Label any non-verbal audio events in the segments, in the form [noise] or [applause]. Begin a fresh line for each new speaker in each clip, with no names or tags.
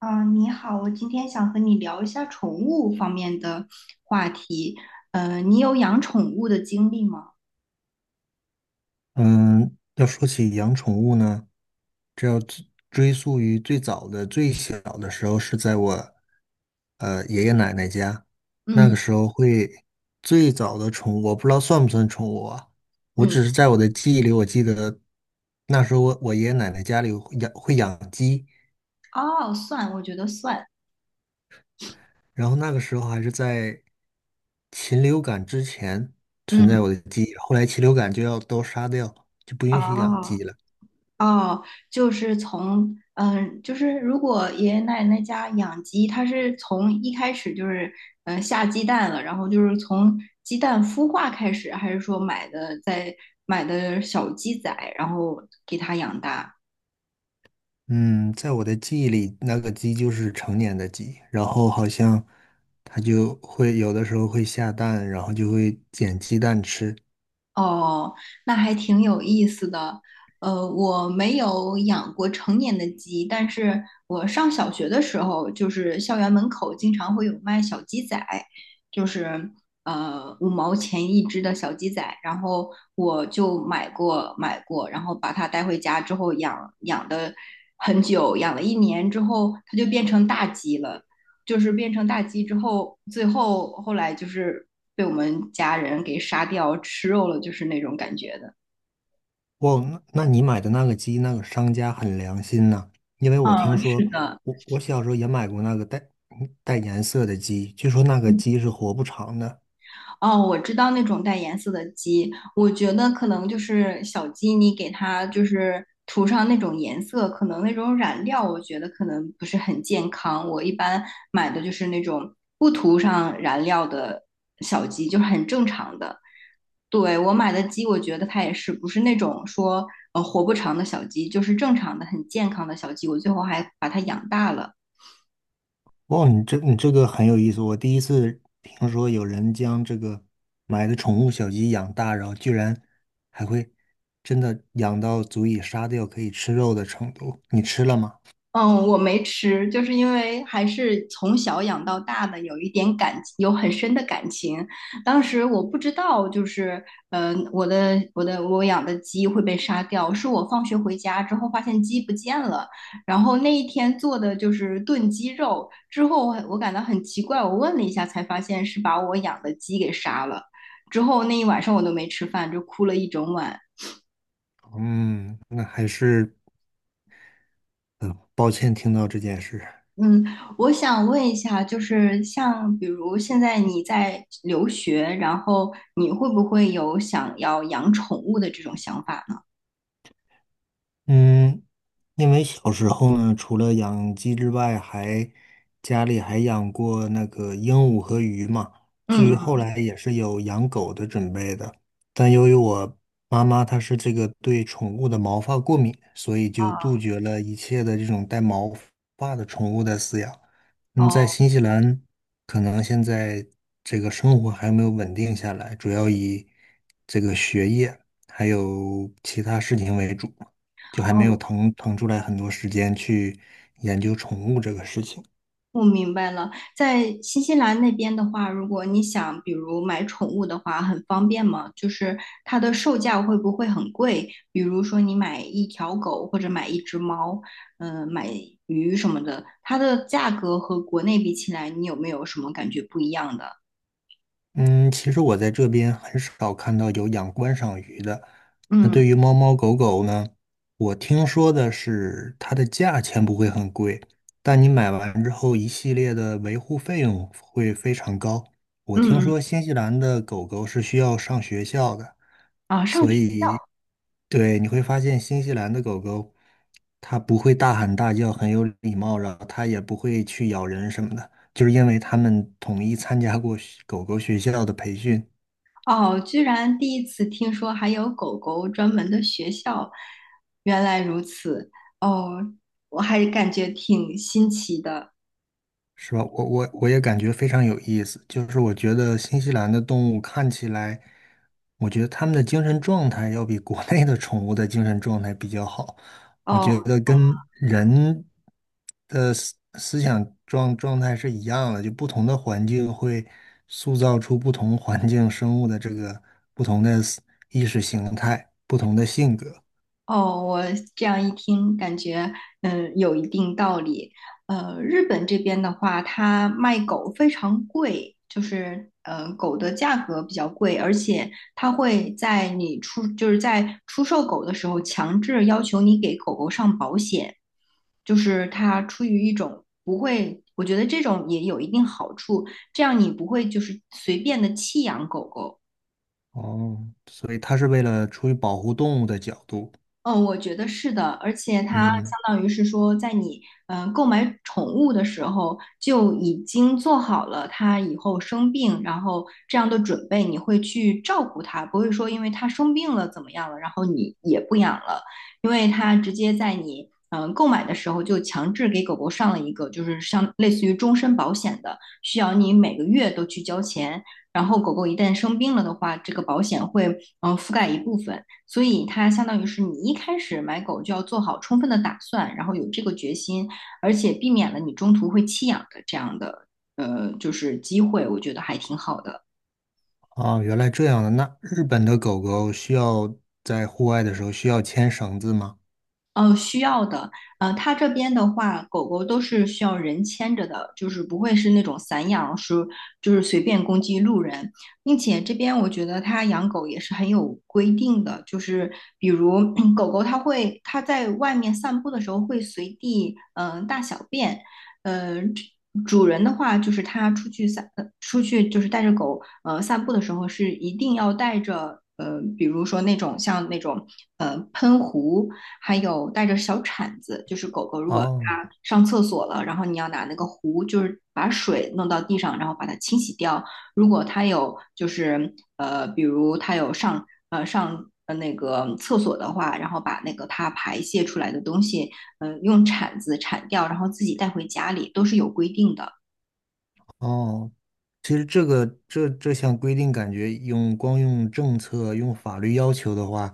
啊，你好，我今天想和你聊一下宠物方面的话题。你有养宠物的经历吗？
嗯，要说起养宠物呢，这要追溯于最早的、最小的时候，是在我爷爷奶奶家。那
嗯
个时候会最早的宠物，我不知道算不算宠物啊？我
嗯，
只是在我的记忆里，我记得那时候我爷爷奶奶家里会养鸡，
哦，算，我觉得算。
然后那个时候还是在禽流感之前存在
嗯，
我的记忆，后来禽流感就要都杀掉，就不允许养
哦
鸡了。
哦，就是从就是如果爷爷奶奶家养鸡，它是从一开始就是下鸡蛋了，然后就是从鸡蛋孵化开始，还是说买的小鸡仔，然后给它养大？
嗯，在我的记忆里，那个鸡就是成年的鸡，然后好像它就会有的时候会下蛋，然后就会捡鸡蛋吃。
哦，那还挺有意思的。我没有养过成年的鸡，但是我上小学的时候，就是校园门口经常会有卖小鸡仔，就是五毛钱一只的小鸡仔，然后我就买过，然后把它带回家之后养的很久，养了一年之后，它就变成大鸡了。就是变成大鸡之后，后来就是被我们家人给杀掉吃肉了，就是那种感觉的。
哇，那你买的那个鸡，那个商家很良心呐，因为我听
嗯，是
说，
的，
我小时候也买过那个带带颜色的鸡，据说那个
嗯
鸡是活不长的。
哦，我知道那种带颜色的鸡，我觉得可能就是小鸡，你给它就是涂上那种颜色，可能那种染料，我觉得可能不是很健康。我一般买的就是那种不涂上染料的小鸡，就是很正常的。对，我买的鸡，我觉得它也是不是那种说活不长的小鸡，就是正常的、很健康的小鸡。我最后还把它养大了。
哦，你这个很有意思，我第一次听说有人将这个买的宠物小鸡养大，然后居然还会真的养到足以杀掉可以吃肉的程度。你吃了吗？
嗯，我没吃，就是因为还是从小养到大的，有一点感，有很深的感情。当时我不知道，就是，我养的鸡会被杀掉，是我放学回家之后发现鸡不见了，然后那一天做的就是炖鸡肉，之后我感到很奇怪，我问了一下才发现是把我养的鸡给杀了。之后那一晚上我都没吃饭，就哭了一整晚。
嗯，那还是抱歉听到这件事。
嗯，我想问一下，就是像比如现在你在留学，然后你会不会有想要养宠物的这种想法呢？
嗯，因为小时候呢，除了养鸡之外，家里还养过那个鹦鹉和鱼嘛。至
嗯
于后
嗯，
来也是有养狗的准备的，但由于我妈妈她是这个对宠物的毛发过敏，所以就杜绝了一切的这种带毛发的宠物的饲养。嗯，在
哦
新西兰，可能现在这个生活还没有稳定下来，主要以这个学业还有其他事情为主。就还没有
哦，
腾出来很多时间去研究宠物这个事情。
我明白了。在新西兰那边的话，如果你想比如买宠物的话，很方便吗？就是它的售价会不会很贵？比如说你买一条狗或者买一只猫，买鱼什么的，它的价格和国内比起来，你有没有什么感觉不一样的？
嗯，其实我在这边很少看到有养观赏鱼的。那
嗯。
对于猫猫狗狗呢，我听说的是它的价钱不会很贵，但你买完之后一系列的维护费用会非常高。我听
嗯嗯
说新西兰的狗狗是需要上学校的，
啊，上
所
学
以对你会发现新西兰的狗狗它不会大喊大叫，很有礼貌，然后它也不会去咬人什么的。就是因为他们统一参加过学狗狗学校的培训，
哦，居然第一次听说还有狗狗专门的学校，原来如此哦，我还感觉挺新奇的
是吧？我也感觉非常有意思。就是我觉得新西兰的动物看起来，我觉得他们的精神状态要比国内的宠物的精神状态比较好。我觉
哦。
得跟人的思想状态是一样的，就不同的环境会塑造出不同环境生物的这个不同的意识形态、不同的性格。
哦，我这样一听，感觉有一定道理。日本这边的话，它卖狗非常贵，就是狗的价格比较贵，而且它会在你出就是在出售狗的时候，强制要求你给狗狗上保险，就是它出于一种不会，我觉得这种也有一定好处，这样你不会就是随便的弃养狗狗。
哦，所以它是为了出于保护动物的角度，
嗯，我觉得是的，而且它相
嗯，
当于是说，在你购买宠物的时候就已经做好了它以后生病，然后这样的准备，你会去照顾它，不会说因为它生病了怎么样了，然后你也不养了，因为它直接在你购买的时候就强制给狗狗上了一个就是像类似于终身保险的，需要你每个月都去交钱，然后狗狗一旦生病了的话，这个保险会覆盖一部分。所以它相当于是你一开始买狗就要做好充分的打算，然后有这个决心，而且避免了你中途会弃养的这样的就是机会，我觉得还挺好的。
啊，原来这样的。那日本的狗狗需要在户外的时候需要牵绳子吗？
需要的，它这边的话，狗狗都是需要人牵着的，就是不会是那种散养，是就是随便攻击路人，并且这边我觉得它养狗也是很有规定的，就是比如 [clears throat] 狗狗它会它在外面散步的时候会随地大小便，呃，主人的话就是他出去出去就是带着狗散步的时候是一定要带着，比如说那种喷壶。还有带着小铲子，就是狗狗如果
哦
它上厕所了，然后你要拿那个壶，就是把水弄到地上，然后把它清洗掉。如果它有就是，比如它有上那个厕所的话，然后把那个它排泄出来的东西，用铲子铲掉，然后自己带回家里，都是有规定的。
哦，其实这个这项规定，感觉用光用政策、用法律要求的话，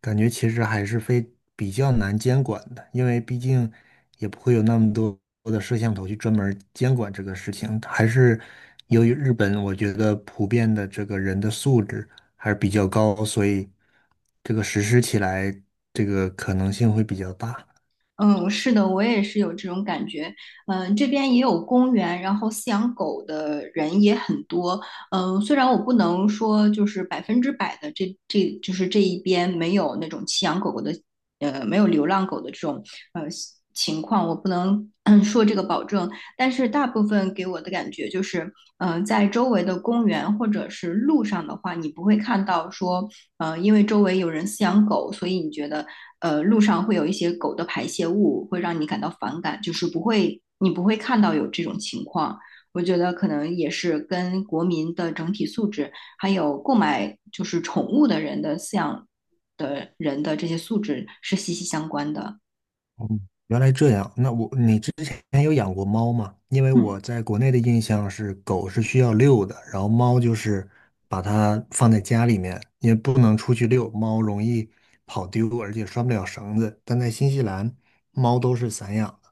感觉其实还是非比较难监管的，因为毕竟也不会有那么多的摄像头去专门儿监管这个事情。还是由于日本，我觉得普遍的这个人的素质还是比较高，所以这个实施起来这个可能性会比较大。
嗯，是的，我也是有这种感觉。嗯，这边也有公园，然后饲养狗的人也很多。嗯，虽然我不能说就是百分之百的这就是这一边没有那种弃养狗狗的，没有流浪狗的这种呃情况，我不能[clears throat] 说这个保证。但是大部分给我的感觉就是，在周围的公园或者是路上的话，你不会看到说，因为周围有人饲养狗，所以你觉得路上会有一些狗的排泄物，会让你感到反感，就是不会，你不会看到有这种情况。我觉得可能也是跟国民的整体素质，还有购买就是宠物的人的饲养的人的这些素质是息息相关的。
哦，原来这样。那我，你之前有养过猫吗？因为我在国内的印象是狗是需要遛的，然后猫就是把它放在家里面，也不能出去遛，猫容易跑丢，而且拴不了绳子。但在新西兰，猫都是散养的，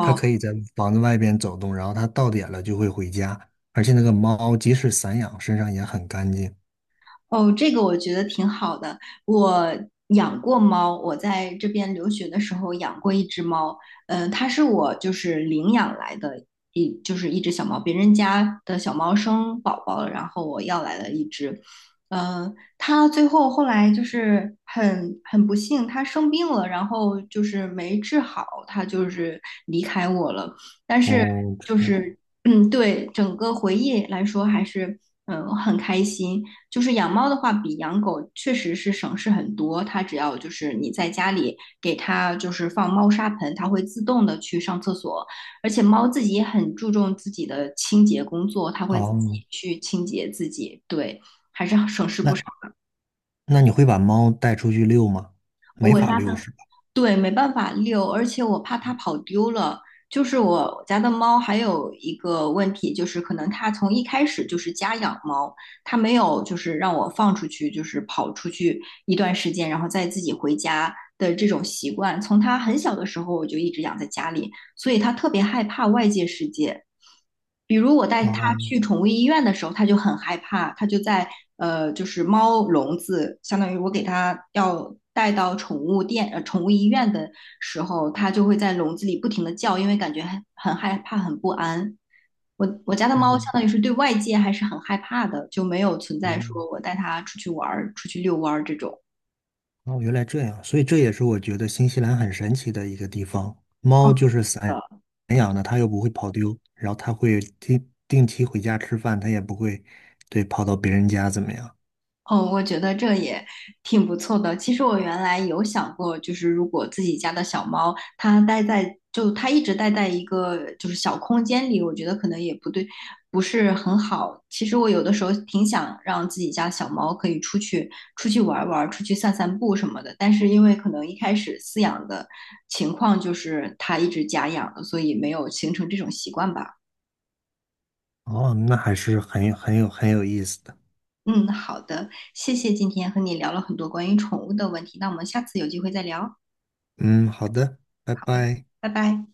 它可以在房子外边走动，然后它到点了就会回家。而且那个猫即使散养，身上也很干净。
哦，这个我觉得挺好的。我养过猫，我在这边留学的时候养过一只猫，它是我就是领养来的就是一只小猫，别人家的小猫生宝宝了，然后我要来了一只，它后来就是很不幸，它生病了，然后就是没治好，它就是离开我了，但是
哦，这
就
样。
是。嗯，对，整个回忆来说还是很开心。就是养猫的话，比养狗确实是省事很多。它只要就是你在家里给它就是放猫砂盆，它会自动的去上厕所。而且猫自己也很注重自己的清洁工作，它会自己
哦，
去清洁自己。对，
那那你会把猫带出去遛吗？没
我
法
家
遛
的
是吧？
对，没办法遛，而且我怕它跑丢了。就是我家的猫还有一个问题，就是可能它从一开始就是家养猫，它没有就是让我放出去，就是跑出去一段时间，然后再自己回家的这种习惯。从它很小的时候我就一直养在家里，所以他特别害怕外界世界。比如我带他去
哦。
宠物医院的时候，他就很害怕，他就在就是猫笼子，相当于我给他要带到宠物店、宠物医院的时候，他就会在笼子里不停的叫，因为感觉很害怕、很不安。我家的猫相
嗯，
当于是对外界还是很害怕的，就没有存在
哦，
说我带它出去玩儿、出去遛弯儿这种。
哦，原来这样，所以这也是我觉得新西兰很神奇的一个地方。猫就是散养的，它又不会跑丢，然后它会定期回家吃饭，它也不会对跑到别人家怎么样。
哦，我觉得这也挺不错的。其实我原来有想过，就是如果自己家的小猫它待在，就它一直待在一个就是小空间里，我觉得可能也不对，不是很好。其实我有的时候挺想让自己家小猫可以出去玩儿玩儿，出去散散步什么的。但是因为可能一开始饲养的情况就是它一直家养的，所以没有形成这种习惯吧。
哦，那还是很有意思的。
嗯，好的，谢谢今天和你聊了很多关于宠物的问题，那我们下次有机会再聊。
嗯，好的，拜拜。
拜拜。